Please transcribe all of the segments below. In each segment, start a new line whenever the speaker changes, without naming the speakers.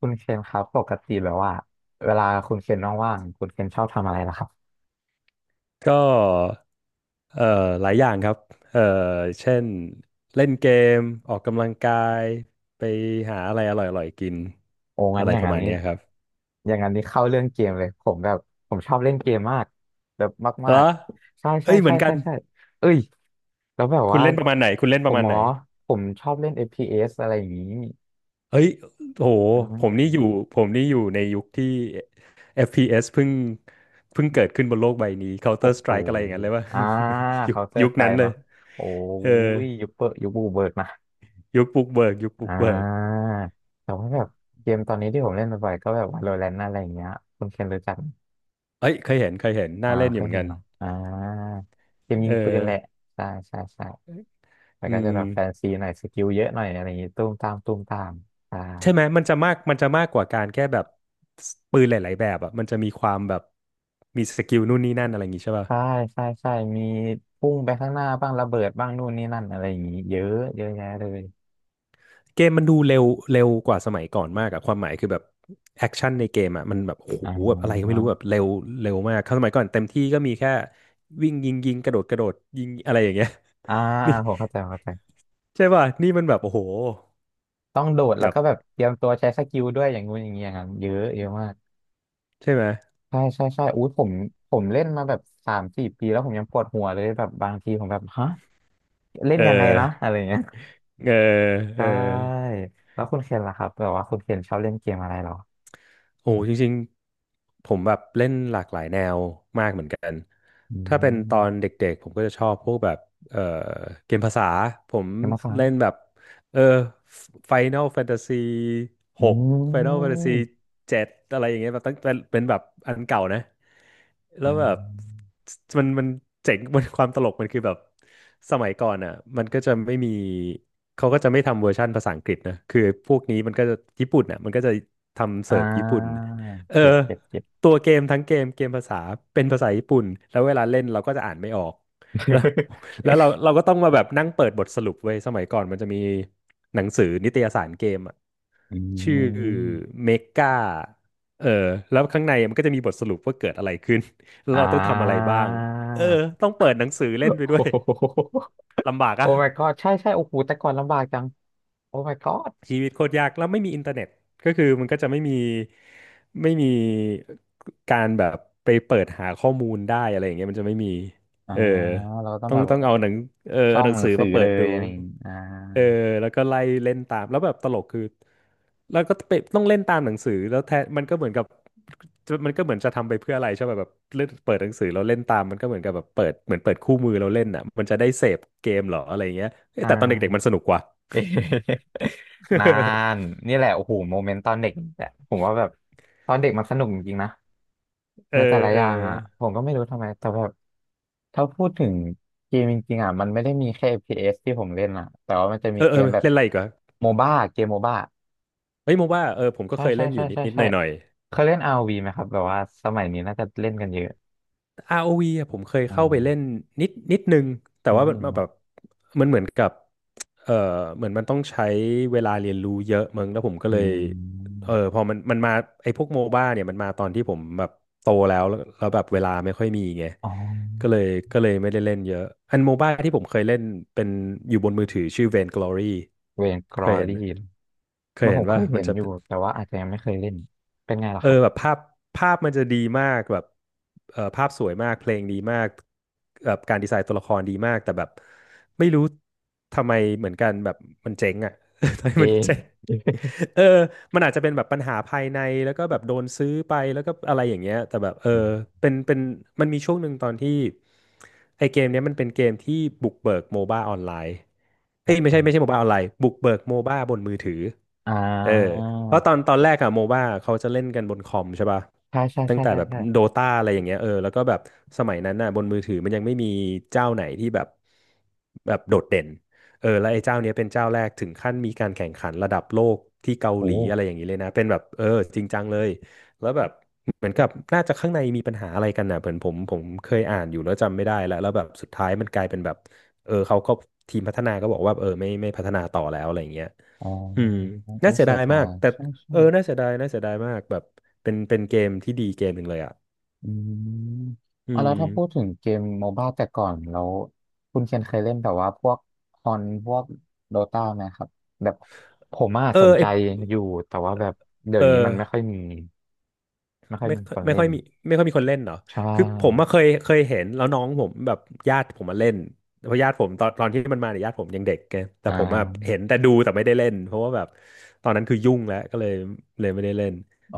คุณเคนครับปกติแบบว่าเวลาคุณเคนว่างๆคุณเคนชอบทำอะไรล่ะครับ
ก็เอ่อหลายอย่างครับเอ่อเช่นเล่นเกมออกกำลังกายไปหาอะไรอร่อยๆกิน
โอ้งั้
อะ
น
ไร
อย่าง
ประ
นั้น
มาณ
นี้
เนี้ยครับ
อย่างนั้นนี้เข้าเรื่องเกมเลยผมแบบผมชอบเล่นเกมมากแบบ
เหร
มาก
อ
ๆใช่ใช่
เอ้ยเห
ใช่
มือนกั
ใช่
น
ใช่เอ้ยแล้วแบบ
คุณ
ว่า
เล่นประมาณไหนคุณเล่น
ผ
ประ
ม
มาณไหน
ผมชอบเล่น FPS อฟพีเอสอะไรอย่างนี้
เฮ้ยโห
อ่
ผมนี่อ
า
ยู่ผมนี่อยู่ในยุคที่ FPS เอสเพิ่งเกิดขึ้นบนโลกใบนี้
โอ้
Counter
โห
Strike อะไรอย่างนั้นเลยว่า
อ่า Counter
ยุคนั้น
Strike
เลย
เนาะโอ้
เออ
ยยุคเปิดยุคบูเบิร์ดมา
ยุคบุกเบิก
อ่าแต่ว่าแบบเกมตอนนี้ที่ผมเล่นบ่อยๆก็แบบ Valorant อะไรอย่างเงี้ยคุณเคนรู้จักไหม
เอ้ยเคยเห็นน่าเล่นอ
เค
ยู่
ย
เหมือน
เห็
กั
น
น
เนาะเกมยิ
เอ
งปืน
อ
แหละใช่ใช่ใช่แต่
อื
ก็จะ
ม
แบบแฟนซีหน่อยสกิลเยอะหน่อยอะไรอย่างงี้ตุ้มตามตุ้มตามใช่
ใช่ไหมมันจะมากกว่าการแค่แบบปืนหลายๆแบบอ่ะมันจะมีความแบบมีสกิลนู่นนี่นั่นอะไรอย่างงี้ใช่ป่ะ
ใช่ใช่ใช่มีพุ่งไปข้างหน้าบ้างระเบิดบ้างนู่นนี่นั่นอะไรอย่างงี้เยอะเยอะแยะเลย
เกมมันดูเร็วเร็วกว่าสมัยก่อนมากอะความหมายคือแบบแอคชั่นในเกมอ่ะมันแบบโอ้โห
อ่
แบบอะไรก็ไม่
า
รู้แบบเร็วเร็วมากครั้สมัยก่อนเต็มที่ก็มีแค่วิ่งยิงกระโดดยิงอะไรอย่างเงี้ย
อ่า
นี่
ผมเข้าใจผมเข้าใจ
ใช่ป่ะนี่มันแบบโอ้โห
ต้องโดดแล้ว
แบบ
ก็แบบเตรียมตัวใช้สกิลด้วยอย่างงู้นอย่างเงี้ยครับเยอะเยอะมาก
ใช่ไหม
ใช่ใช่ใช่อู้ผมเล่นมาแบบสามสี่ปีแล้วผมยังปวดหัวเลยแบบบางทีผมแบบฮะเล่น
เอ
ยังไง
อ
นะอะไรเงี้ย
เออเอ
ใช่
อ
แล้วคุณเคนล่ะครับแบบว่าคุณเคนชอบเล่นเกมอะไรเหรอ
โอ้จริงๆผมแบบเล่นหลากหลายแนวมากเหมือนกัน
อื
ถ้าเป็นตอน
ม
เด็กๆผมก็จะชอบพวกแบบเอ่อเกมภาษาผม
เกมมาสาม
เล่นแบบ เออ Final Fantasy
อ
หก
ื
Final Fantasy
ม
เจ็ดอะไรอย่างเงี้ยแบบตั้งเป็นแบบอันเก่านะแล้
อ่
วแบบ
า
มันเจ๋ง มันความตลกมันคือแบบสมัยก่อนอ่ะมันก็จะไม่มีเขาก็จะไม่ทำเวอร์ชันภาษาอังกฤษนะคือพวกนี้มันก็จะญี่ปุ่นอ่ะมันก็จะทำ
อ่
เสิร์ฟญี่ปุ่น
า
เออ
เจ็บเจ็บเจ็บ
ตัวเกมทั้งเกมภาษาเป็นภาษาญี่ปุ่นแล้วเวลาเล่นเราก็จะอ่านไม่ออกแล้ว แล้วเราก็ต้องมาแบบนั่งเปิดบทสรุปไว้ยสมัยก่อนมันจะมีหนังสือนิตยสารเกมอะ
อื
ชื่อ
ม
เมกาเออแล้วข้างในมันก็จะมีบทสรุปว่าเกิดอะไรขึ้น แล้ว
อ่า
เราต้องทำอะไรบ้างเออต้องเปิดหนังสือ เล่
โอ้
นไปด้วย
โห
ลำบาก
โอ้
อะ
my god ใช่ใช่โอ้โหแต่ก่อนลำบากจังโอ้ my god
ชีวิตโคตรยากแล้วไม่มีอินเทอร์เน็ตก็คือมันก็จะไม่มีไม่มีการแบบไปเปิดหาข้อมูลได้อะไรอย่างเงี้ยมันจะไม่มี
อ่า
เออ
เราต้อง
ต้อ
แบ
ง
บ
เอาหนังเออ
ช่อ
เอา
ง
หนัง
หนั
สื
ง
อ
สือ
มาเปิ
เล
ด
ย
ดู
อะไรอย่างงี้
เออแล้วก็ไล่เล่นตามแล้วแบบตลกคือแล้วก็ไปต้องเล่นตามหนังสือแล้วแทนมันก็เหมือนกับจะมันก็เหมือนจะทำไปเพื่ออะไรใช่ป่ะแบบเล่นเปิดหนังสือเราเล่นตามมันก็เหมือนกับแบบเปิดเหมือนเปิดคู่มือเราเล่นอ่ะมันจะได้เสพเกมเหรออะไรอย่างเงี้ยเอ้ย
อ่
แต่ตอนเด็กๆ
า
มันสนุกกว่า
เอ๊ะ นานนี่แหละโอ้โหโมเมนต์ตอนเด็กแหละผมว่าแบบตอนเด็กมันสนุกจริงๆนะ
เออ
ในแต่ละ
เอ
อ
อ
ย่างอ่ะผมก็ไม่รู้ทำไมแต่แบบถ้าพูดถึงเกมจริงๆอ่ะมันไม่ได้มีแค่ FPS ที่ผมเล่นอ่ะแต่ว่ามันจะมีเก
เออ
มแบบ
เล่นอะไรอีกวะ
โมบ้าเกมโมบ้า
เฮ้ยโมว่าเออผมก็
ใช่
เคย
ใช่
เล่นอ
ใช่
ยู่นิด
ใช่
นิดห
ใช่
น่อยหน่อย
เคยเล่น ROV ไหมครับแบบว่าสมัยนี้น่าจะเล่นกันเยอะ
ROV อวีอะผมเคย
อ
เข้าไปเล่
ม
นนิดนึงแต่
นิด
ว่า
นึง
มันแบ
เนาะ
บมันเหมือนกับเออเหมือนมันต้องใช้เวลาเรียนรู้เยอะมึงแล้วผมก็
อื
เลยเออ
ม
พอมันมาไอ้พวกโมบ้าเนี่ยมันมาตอนที่ผมแบบโตแล้วแบบเวลาไม่ค่อยมีไง
อ๋อ
ก็เลยก็เลยไม่ได้เล่นเยอะอันโมบ้าที่ผมเคยเล่นเป็นอยู่บนมือถือชื่อ Vainglory
เวนกร
เค
อ
ยเห็น
ลี่มันผมเค
ว่า
ย
มั
เห็
น
น
จะ
อยู่
เป็น
แต่ว่าอาจจะยังไม่เคยเล่นเป็นไงล่ะ
เออ
ครับ
แบบภาพภาพมันจะดีมากแบบเออภาพสวยมากเพลงดีมากแบบการดีไซน์ตัวละครดีมากแต่แบบไม่รู้ทำไมเหมือนกันแบบมันเจ๊งอ่ะ ทำไม
เ
มันเจ๊ง
อ
เออมันอาจจะเป็นแบบปัญหาภายในแล้วก็แบบโดนซื้อไปแล้วก็อะไรอย่างเงี้ยแต่แบบเออ
อืม
เป็นมันมีช่วงหนึ่งตอนที่ไอเกมเนี้ยมันเป็นเกมที่บุกเบิกโมบ้าออนไลน์
พ
เอ้
ว
ย
ก
ไม่ใช่
เปิด
โมบ้าออนไลน์บุกเบิกโมบ้าบนมือถือ
อ่
เออ
า
เพราะตอนแรกอะโมบ้าเขาจะเล่นกันบนคอมใช่ป่ะ
ใช่ใช่
ตั้ง
ใช่
แต่
ใช่
แบบ
ใช่
โดตาอะไรอย่างเงี้ยเออแล้วก็แบบสมัยนั้นน่ะบนมือถือมันยังไม่มีเจ้าไหนที่แบบแบบโดดเด่นเออแล้วไอ้เจ้าเนี้ยเป็นเจ้าแรกถึงขั้นมีการแข่งขันระดับโลกที่เกา
โอ้
หลีอะไรอย่างนี้เลยนะเป็นแบบเออจริงจังเลยแล้วแบบเหมือนกับน่าจะข้างในมีปัญหาอะไรกันน่ะเหมือนผมเคยอ่านอยู่แล้วจำไม่ได้แล้วแล้วแบบสุดท้ายมันกลายเป็นแบบเออเขาก็ทีมพัฒนาก็บอกว่าเออไม่พัฒนาต่อแล้วอะไรอย่างเงี้ย
อ๋อ
อืมน่า
โอ้
เสีย
เสี
ดา
ย
ย
ดา
มาก
ย
แต่
ใช่ใช่
น่าเสียดายน่าเสียดายมากแบบเป็นเป็นเกมที่ดีเกมหนึ่งเลยอ่ะ
อืม
อื
อ๋อแล้วถ้าพูดถึ
ม
งเกมโมบ้าแต่ก่อนแล้วคุณเคนเคยเล่นแบบว่าพวกคอนพวกโดตาไหมครับแบบผมอ่ะ
เออ
สน
ไอ
ใจอยู่แต่ว่าแบบเดี๋ย
เอ
วนี้
อ
มันไม่ค่อยมีไม่ค่อย
ไม่
มี
ค่อ
ค
ย
น
ไม่
เล่
ค่อ
น
ยมีไม่ค่อยมีคนเล่นเหรอ
ใช่
คือผมเคยเคยเห็นแล้วน้องผมแบบญาติผมมาเล่นเพราะญาติผมตอนตอนที่มันมาเนี่ยญาติผมยังเด็กไงแต่
อ่
ผมอะ
า
เห็นแต่ดูแต่ไม่ได้เล่น เพราะว่าแบบตอนนั้นคือยุ่งแล้วก็เลยเลยไม่ได้เล่น
อ๋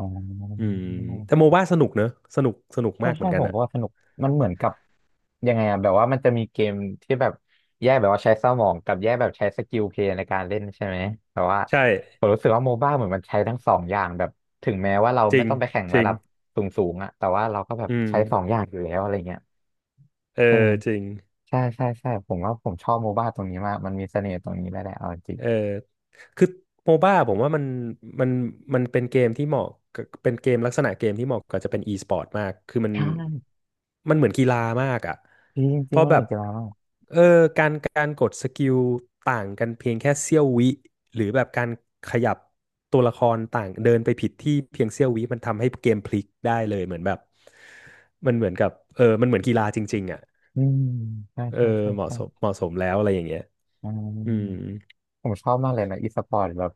อื
อ
มแต่โมบ้าสนุกเนอะสนุกสนุก
ใช่
มากเห
ใช่
มือนกั
ผ
น
ม
อ่ะ
ก็ว่าสนุกมันเหมือนกับยังไงอะแบบว่ามันจะมีเกมที่แบบแยกแบบว่าใช้สมองกับแยกแบบใช้สกิลเพลย์ในการเล่นใช่ไหมแต่ว่า
ใช่
ผมรู้สึกว่าโมบ้าเหมือนมันใช้ทั้งสองอย่างแบบถึงแม้ว่าเรา
จริ
ไม่
ง
ต้องไปแข่ง
จ
ระ
ริง
ดับสูงสูงอะแต่ว่าเราก็แบบ
อืม
ใช้สองอย่างอยู่แล้วอะไรเงี้ย
เออ
ใช่ไหม
จริง
ใช่ใช่ใช่ผมว่าผมชอบโมบ้าตรงนี้มากมันมีเสน่ห์ตรงนี้แหละแหละเอาจริง
เออคือโมบ้าผมว่ามันมันมันเป็นเกมที่เหมาะกับเป็นเกมลักษณะเกมที่เหมาะกับจะเป็นอีสปอร์ตมากคือมัน
ใช่
มันเหมือนกีฬามากอ่ะ
จริงจ
เพ
ริง
ราะ
ๆมัน
แบ
เหมือ
บ
นกีฬามาก
เออการการกดสกิลต่างกันเพียงแค่เสี้ยววิหรือแบบการขยับตัวละครต่างเดินไปผิดที่เพียงเสี้ยววิมันทำให้เกมพลิกได้เลยเหมือนแบบมันเหมือนกับมันเหมือนกีฬาจริงๆอ่ะ
อืมใช่
เออ
ใช่ใช่
เหมาะ
ใช่
สมเหมาะสมแล้วอะไรอย่างเงี้ย
อืม
อืม
ผมชอบมากเลยนะอีสปอร์ตแบบ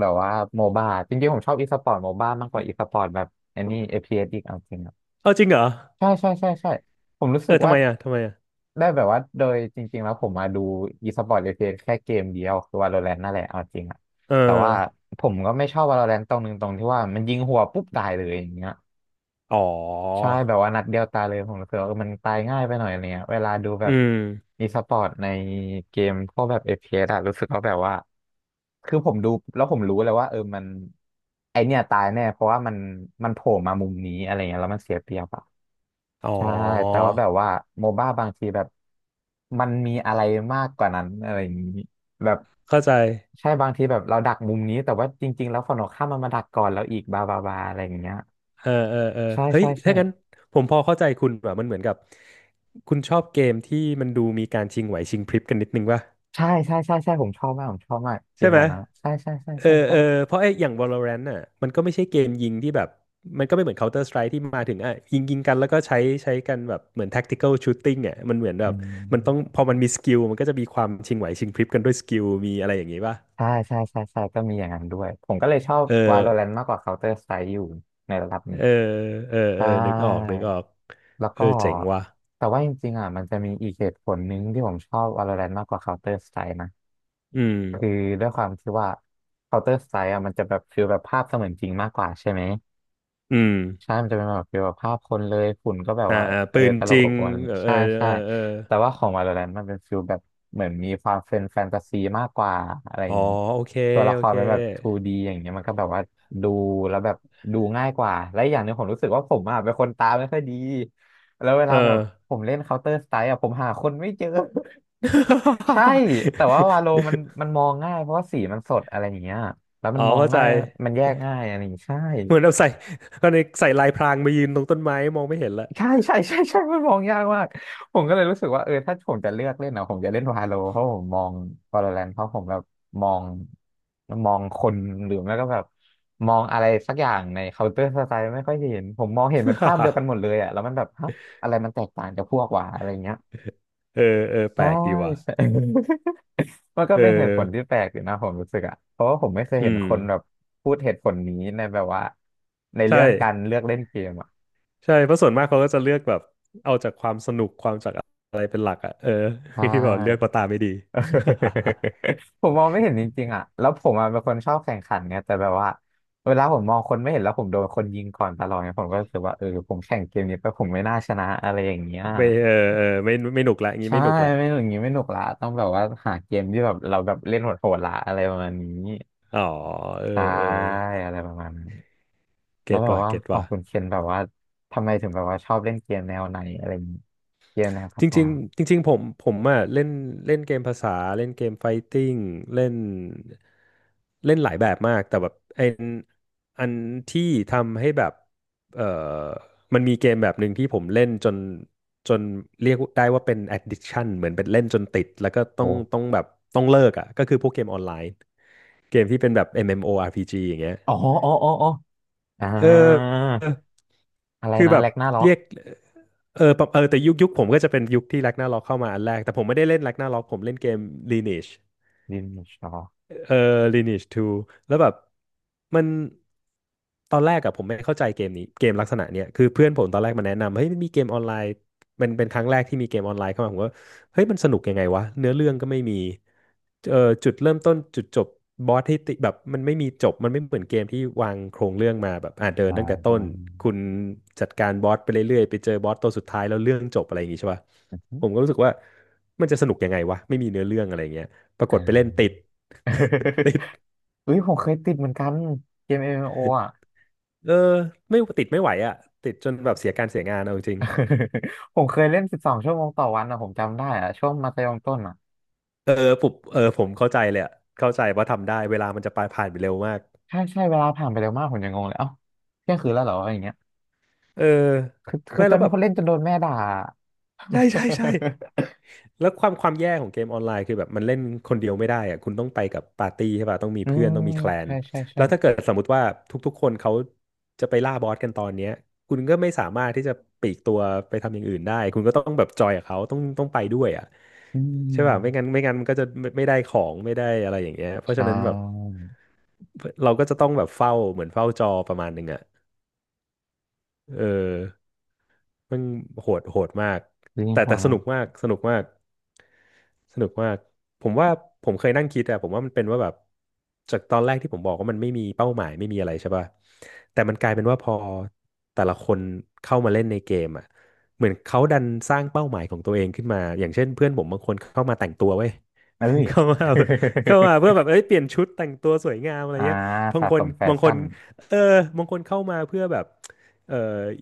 แบบว่าโมบ้าจริงๆผมชอบอีสปอร์ตโมบ้ามากกว่าอีสปอร์ตแบบไอันนี้เอพ p s อสอีกเอาจริงอะ
เอาจริงเหรอ
ใช่ใช่ใช่ใช่ผมรู้สึก
ทำ
ว่า
ไมอ่ะทำไมอ่ะ
ได้แบบว่าโดยจริงๆแล้วผมมาดู e-sport เอพีสปอร์ต FPS แค่เกมเดียวคือ Valorant นั่นแหละเอาจริงอะ
เออ
แต่ว่าผมก็ไม่ชอบ Valorant ตรงนึงตรงที่ว่ามันยิงหัวปุ๊บตายเลยอย่างเงี้ย
อ๋อ
ใช่แบบว่านัดเดียวตายเลยผมรู้สึกว่าเออมันตายง่ายไปหน่อยอะไรเงี้ยเวลาดูแบ
อื
บ
ม
อีสปอร์ตในเกมพวกแบบ FPS อฟพีเอสอะรู้สึกว่าแบบว่าคือผมดูแล้วผมรู้เลยว่าเออมันไอเนี่ยตายแน่เพราะว่ามันโผล่มามุมนี้อะไรเงี้ยแล้วมันเสียเปรียบอะ
อ๋อ
ใช่แต่ว่าแบบว่าโมบ้าบางทีแบบมันมีอะไรมากกว่านั้นอะไรอย่างนี้แบบ
เข้าใจ
ใช่บางทีแบบเราดักมุมนี้แต่ว่าจริงๆแล้วฝั่งตรงข้ามมันมาดักก่อนแล้วอีกบาบาบาอะไรอย่างเงี้ย
เออเออเออ
ใช่
เฮ้ย
ใช่ใช่
ถ้างั้นผมพอเข้าใจคุณแบบมันเหมือนกับคุณชอบเกมที่มันดูมีการชิงไหวชิงพริบกันนิดนึงป่ะ
ใช่ใช่ใช่ใช่ผมชอบมากผมชอบมากเก
ใช่
ม
ไห
แบ
ม
บนั้นใช่ใช่ใช่
เออ
ใช่ใช่
เออเพราะไอ้อย่าง Valorant น่ะมันก็ไม่ใช่เกมยิงที่แบบมันก็ไม่เหมือน Counter Strike ที่มาถึงอ่ะยิงยิงกันแล้วก็ใช้ใช้กันแบบเหมือน tactical shooting อ่ะมันเหมือนแบ
อื
บ
ม
มันต้องพอมันมีสกิลมันก็จะมีความชิงไหวชิงพริบกันด้วยสกิลมีอะไรอย่างงี้ป่ะ
ใช่ใช่ใช่ใช่ก็มีอย่างนั้นด้วยผมก็เลยชอบ
เออ
Valorant มากกว่า Counter Strike อยู่ในระดับหนึ่ง
เออเออเออ
ใช่
นึกออกนึกออก
แล้ว
เอ
ก็
อเจ๋งว่ะ
แต่ว่าจริงๆอ่ะมันจะมีอีกเหตุผลหนึ่งที่ผมชอบ Valorant มากกว่า Counter Strike นะ
อืม
คือด้วยความที่ว่า Counter Strike อ่ะมันจะแบบฟีลแบบภาพเสมือนจริงมากกว่าใช่ไหม
อืม
ใช่มันจะเป็นแบบเกี่ยวกับภาพคนเลยฝุ่นก็แบบ
อ่า
ว่า
อ่าปืน
ตล
จ
บ
ริ
อ
ง
บอวล
เออเอ
ใช่
อเอ
ใช่
อเออ
แต่ว่าของ Valorant มันเป็นฟิลแบบเหมือนมีความเป็นแฟนตาซีมากกว่าอะไรอ
อ๋อ
ย่างนี้
โอเค
ตัวละ
โอ
คร
เค
เป็นแบบ 2D อย่างเงี้ยมันก็แบบว่าดูแล้วแบบดูง่ายกว่า และอกอย่างหนึงผมรู้สึกว่าผมอ่ะเป็นคนตาไม่ค่อยดี แล้วเว
เอ
ลา
อ
แบบผมเล่น Counter Strike อ่ะผมหาคนไม่เจอ ใช่ แต่ว่าวาโล มันมันมองง่ายเพราะว่าสีมันสดอะไรอย่างเงี้ยแล้วมั
อ๋
น
อ
มอง
เข้าใจ
ง่ายมันแยกง่ายอะไรอย่างงี้ใช่
เหมือนเราใส่ก็ในใส่ลายพรางมายืนตรงต้นไม้มองไม่เห็นละ
ใช่ใช่ใช่ใช่มันมองยากมากผมก็เลยรู้สึกว่าถ้าผมจะเลือกเล่นนะผมจะเล่นวาโลเพราะผมมองวาโลแรนเพราะผมแบบมองมองคนหรือไม่ก็แบบมองอะไรสักอย่างในเคาน์เตอร์สไตล์ไม่ค่อยเห็นผมมองเห็นเป็นภาพเดียว กันหมดเลยอ่ะแล้วมันแบบฮะอะไรมันแตกต่างจากพวกว่าอะไรเงี้ย
เออเออแป
ใช่
ลกดีว่ะ
ใช่ มันก็
เอ
เป็นเหตุผลที่
อ
แปลกอยู่นะผมรู้สึกอ่ะเพราะว่าผมไม่เคยเห็
อื
น
ม
คนแบบพูดเหตุผลนี้ในแบบว่าในเรื่
ใช่
องการเลือกเล่นเกมอ่ะ
ใช่เพราะส่วนมากเขาก็จะเลือกแบบเอาจากความสนุกความจากอะไรเป็นหลักอ่ะ
ใช
ที่บอกเลือกก็
่
ตาไม่ดี
เออผมมองไม่เห็นจริงๆอ่ะแล้วผมอะเป็นคนชอบแข่งขันไงแต่แบบว่าเวลาผมมองคนไม่เห็นแล้วผมโดนคนยิงก่อนตลอดไงผมก็รู้สึกว่าผมแข่งเกมนี้ไปผมไม่น่าชนะอะไรอย่างเงี้ย
ไม่เออเออไม่ไม่หนุกละงี้
ใช่
ไม่หนุกละ
ไม่หนุกอย่างงี้ไม่หนุกละต้องแบบว่าหาเกมที่แบบเราแบบเล่นโหดๆละอะไรประมาณนี้
อ๋อเออ
ใช่
เออ
อะไรประมาณนั้นแล้
เก็
ว
ต
แบบ
ว่ะ
ว่า
เก็ต
ของ
ว่ะ
คุณเคนแบบว่าทำไมถึงแบบว่าชอบเล่นเกมแนวไหนอะไรอย่างงี้เกมแนว
จ
ภาษา
ริงๆจริงๆผมผมอ่ะเล่นเล่นเกมภาษาเล่นเกมไฟติ้งเล่นเล่นหลายแบบมากแต่แบบไออันอันที่ทำให้แบบเออมันมีเกมแบบหนึ่งที่ผมเล่นจนจนเรียกได้ว่าเป็น addiction เหมือนเป็นเล่นจนติดแล้วก็ต้อง
โอ้
ต้องแบบต้องเลิกอ่ะก็คือพวกเกมออนไลน์เกมที่เป็นแบบ MMORPG อมเอ็มโออาร์พีจีอย่างเงี้ย
อ๋ออ๋ออ๋ออ๋ออ่
เอ
า
อ
อะไร
คือ
นะ
แบบ
แร็กนาร็อก
เรียกเออปะเออแต่ยุคยุคผมก็จะเป็นยุคที่แร็กนาร็อกเข้ามาอันแรกแต่ผมไม่ได้เล่นแร็กนาร็อกผมเล่นเกม Lineage
ดินชอ
เออ Lineage 2แล้วแบบมันตอนแรกอะผมไม่เข้าใจเกมนี้เกมลักษณะเนี้ยคือเพื่อนผมตอนแรกมาแนะนำเฮ้ยมันมีเกมออนไลน์มันเป็นครั้งแรกที่มีเกมออนไลน์เข้ามาผมว่าเฮ้ยมันสนุกยังไงวะเนื้อเรื่องก็ไม่มีเออจุดเริ่มต้นจุดจบบอสที่ติแบบมันไม่มีจบมันไม่เหมือนเกมที่วางโครงเรื่องมาแบบเดิน
อ่า
ตั้งแต่
อ
ต้นคุณจัดการบอสไปเรื่อยๆไปเจอบอสตัวสุดท้ายแล้วเรื่องจบอะไรอย่างงี้ใช่ป่ะ
ื
ผ
ม
มก็รู้สึกว่ามันจะสนุกยังไงวะไม่มีเนื้อเรื่องอะไรอย่างเงี้ยปราก
อ่า
ฏไปเล่นติด
อุ้ยผมเคยติดเหมือนกันเกม MMO อมเอ็มโออ่ะ
เออไม่ติดไม่ไหวอ่ะติดจนแบบเสียการเสียงานเอาจริง
ผมเคยเล่น12 ชั่วโมงต่อวันอ่ะผมจำได้อ่ะช่วงมัธยมต้นอ่ะ
ๆเออปุบผมเข้าใจเลยอะเข้าใจว่าทำได้เวลามันจะไปผ่านไปเร็วมาก
ใช่ใช่เวลาผ่านไปเร็วมากผมยังงงเลยเอ้าเที่ยงคืนแล้วเหรออะไรอย่างเงี้ย
เออ
คือคื
ไม่
อจ
แล้ว
น
แบบ
คนเล่นจนโดนแม่ด่า
ใช่ใช่ใช่แล้วความความแย่ของเกมออนไลน์คือแบบมันเล่นคนเดียวไม่ได้อ่ะคุณต้องไปกับปาร์ตี้ใช่ป่ะต้องมี
อื
เพื่อน
ม
ต้องมีแคลน
ใช่ใช่ใช่
แล้วถ้าเกิดสมมติว่าทุกๆคนเขาจะไปล่าบอสกันตอนเนี้ยคุณก็ไม่สามารถที่จะปลีกตัวไปทำอย่างอื่นได้คุณก็ต้องแบบจอยกับเขาต้องต้องไปด้วยอ่ะ
อื
ใช่ป่ะไม่งั้
ม
นไม่งั้นมันก็จะไม่ได้ของไม่ได้อะไรอย่างเงี้ยเพราะฉะ
ใช่
นั้นแบบเราก็จะต้องแบบเฝ้าเหมือนเฝ้าจอประมาณหนึ่งอ่ะเออมันโหดมาก
ยิง
แต่
หั
แต่
ว
ส
มา
นุกมากสนุกมากสนุกมากผมว่าผมเคยนั่งคิดอะผมว่ามันเป็นว่าแบบจากตอนแรกที่ผมบอกว่ามันไม่มีเป้าหมายไม่มีอะไรใช่ป่ะแต่มันกลายเป็นว่าพอแต่ละคนเข้ามาเล่นในเกมอะเหมือนเขาดันสร้างเป้าหมายของตัวเองขึ้นมาอย่างเช่นเพื่อนผมบางคนเข้ามาแต่งตัวเว้ย
เอ้ย
เข้ามาเข้ามาเพื่อแบบเอ้ยเปลี่ยนชุดแต่งตัวสวยงามอะ ไร
อ่า
เงี้ยบาง
สะ
ค
ส
น
มแฟ
บางค
ชั่
น
น
เออบางคนเข้ามาเพื่อแบบเออ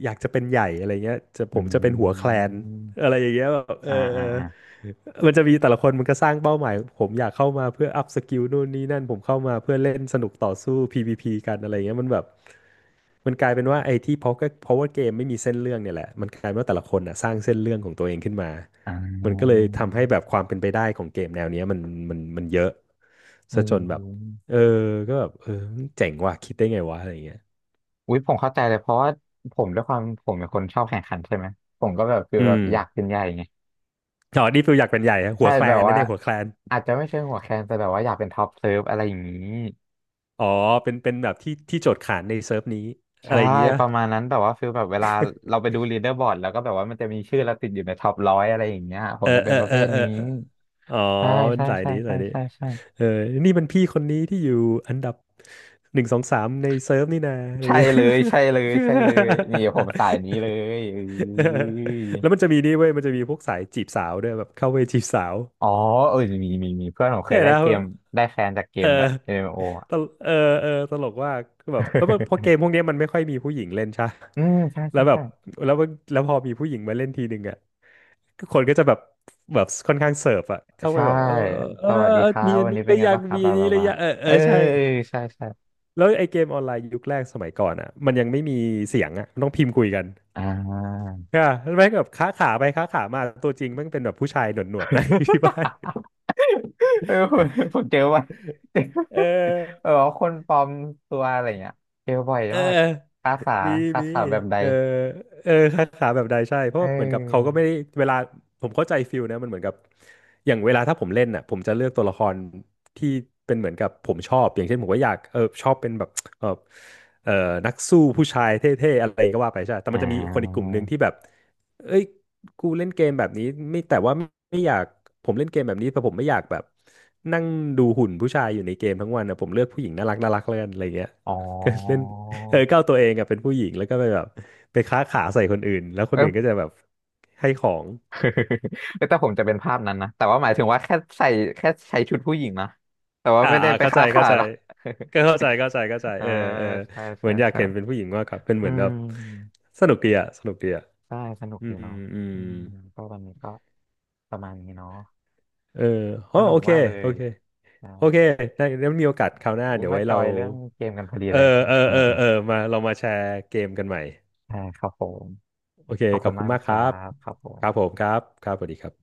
อยากจะเป็นใหญ่อะไรเงี้ยจะผ
อ
มจะเป็นหัว
ื
แคลน
ม
อะไรอย่างเงี้ยแบบเออ
อ่า
เอ
อ่า
อ
อ่า
มันจะมีแต่ละคนมันก็สร้างเป้าหมายผมอยากเข้ามาเพื่ออัพสกิลนู่นนี่นั่นผมเข้ามาเพื่อเล่นสนุกต่อสู้ PVP กันอะไรเงี้ยมันแบบมันกลายเป็นว่าไอ้ที่เพราะก็เพราะว่าเกมไม่มีเส้นเรื่องเนี่ยแหละมันกลายเป็นว่าแต่ละคนอ่ะสร้างเส้นเรื่องของตัวเองขึ้นมา
อ่
มันก็เลย
า
ทำให้แบบความเป็นไปได้ของเกมแนวเนี้ยมันเยอะ
เ
ซะจนแบบ
ออ
เออก็แบบเออเจ๋งว่ะคิดได้ไงวะอะไรเงี้ย
อุ้ยผมเข้าใจเลยเพราะว่าผมด้วยความผมเป็นคนชอบแข่งขันใช่ไหมผมก็แบบคือ
อื
แบบ
ม
อยากเป็นใหญ่ไง
อ๋อนี่ฟิลอยากเป็นใหญ่ฮะหั
ใช่
วแคล
แบบ
นนั่
ว่า
นเองหัวแคลน
อาจจะไม่ใช่หัวแคนแต่แบบว่าอยากเป็นท็อปเซิร์ฟอะไรอย่างนี้
อ๋อเป็นแบบที่โจทย์ขานในเซิร์ฟนี้อะ
ใช่
ไรอย่างเงี้ย
ประมาณนั้นแบบว่าฟิลแบบเวลาเราไปดูลีดเดอร์บอร์ดแล้วก็แบบว่ามันจะมีชื่อเราติดอยู่ในท็อปร้อยอะไรอย่างเงี้ยผ
เอ
ม
อ
จะ
เอ
เป็น
อ
ประ
เอ
เภ
อ
ท
เออ
นี้
อ๋อ
ใช่
เป็น
ใช่
สาย
ใช่
นี้สา
ใช่
ยนี้
ใช่ใช่
เออนี่มันพี่คนนี้ที่อยู่อันดับหนึ่งสองสามในเซิร์ฟนี่นาอะไร
ใช่
เงี้ย
เลยใช่เลยใช่เลยนี่ผมสายนี้เลยเอ้ย
แล้วมันจะมีนี่เว้ยมันจะมีพวกสายจีบสาวด้วยแบบเข้าไปจีบสาว
อ๋อเออมีมีมีเพื่อนผมเค
เนี่
ย
ย
ได้
นะ
เกมได้แคนจากเก
เอ
ม
อ
ด้วย m ม o ออะ
ตลเออเออตลกว่ากคือแบบแล้วมันพอเกม พวกเนี้ยมันไม่ค่อยมีผู้หญิงเล่นใช่ปะ
อืมใช่
แล้
ใช่
วแบ
ใช่
บแล้วพอมีผู้หญิงมาเล่นทีหนึ่งอะ คนก็จะแบบแบบค่อนข้างเสิร์ฟอะเข้าไป
ใช่
แบบ
ส
อ
วัสดี
เออ
ครั
มี
บ
อัน
วัน
นี้
นี้
ห
เป็
รื
น
อ
ไง
ยัง
บ้างครับ
มีอั
บา
นนี้
บา
หรือ
บา
ยังเออเอ
เอ
อ
อ
ใช่
เออใช่ใช่
แล้วไอเกมออนไลน์ยุคแรกสมัยก่อนอะมันยังไม่มีเสียงอะมันต้องพิมพ์คุยกัน
อ่า
ค่ะแม่งแบบค้าขาไปค้าขามาตัวจริงแม่งเป็นแบบผู้ชายหนวดๆนะ ที่บ้าน
ผมผมเจอบ่อย เจ
เอ
อ
อ
เออคนปลอมตัวอะไรเงี้ยเจอบ่อย
เออ
มากคาขา
มี
คา
มี
ขาแบบใด
เออเออคาขาแบบใดใช่เพ
เ
ราะเหมือนกับเขาก็
ออ
ไม่ได้เวลาผมเข้าใจฟิลนะมันเหมือนกับอย่างเวลาถ้าผมเล่นน่ะผมจะเลือกตัวละครที่เป็นเหมือนกับผมชอบอย่างเช่นผมก็อยากชอบเป็นแบบเออเออนักสู้ผู้ชายเท่ๆอะไรก็ว่าไปใช่แต่
อ่
มันจะมีคนอีกก
า
ลุ่มหนึ่งที่แบบเอ้ยกูเล่นเกมแบบนี้ไม่แต่ว่าไม่อยากผมเล่นเกมแบบนี้แต่ผมไม่อยากแบบนั่งดูหุ่นผู้ชายอยู่ในเกมทั้งวันนะผมเลือกผู้หญิงน่ารักแล้วกันอะไรเงี้ย
อ๋อ
เล่น เออก้าวตัวเองอะเป็นผู้หญิงแล้วก็ไปแบบไปค้าขาใส่คนอื่นแล้วค
เอ
นอื่นก็จะ
อ
แบบให้ของ
แต่ผมจะเป็นภาพนั้นนะแต่ว่าหมายถึงว่าแค่ใส่แค่ใช้ชุดผู้หญิงนะแต่ว่าไม่ได้ไป
เข้าใจ
ฆ่าขา
เข้าใจ
ดนะ
ก็เข้าใจเข้าใจเข้าใจ
อ่า
เออเออ
ใช่
เหมื
ใช่
อนอยาก
ใช่
เห็นเป็นผู้หญิงมากกว่าเป็นเห
อื
มือนแบบ
ม
สนุกดีอะสนุกดีอะ
ใช่สนุก
อื
ดี
ม
เนาะ
อืม
อืมก็วันนี้ก็ประมาณนี้เนาะ
เอออ๋
ส
อ
นุ
โอ
ก
เค
มากเล
โอ
ย
เค
อ่า
โอเคได้แล้วมีโอกาสคราวหน้า
อุ้ย
เดี๋ยว
มา
ไว้
จ
เรา
อยเรื่องเกมกันพอดี
เออ
เลย
เออ
ส
เอ
นุ
อ
ก
เอ
เนาะ
อมาเรามาแชร์เกมกันใหม่
ใช่ครับผม
โอเค
ขอบ
ข
คุ
อบ
ณ
คุ
มา
ณ
ก
มา
นะ
ก
ค
ค
รั
รับ
บครับผ
ค
ม
รับผมครับครับสวัสดีครับ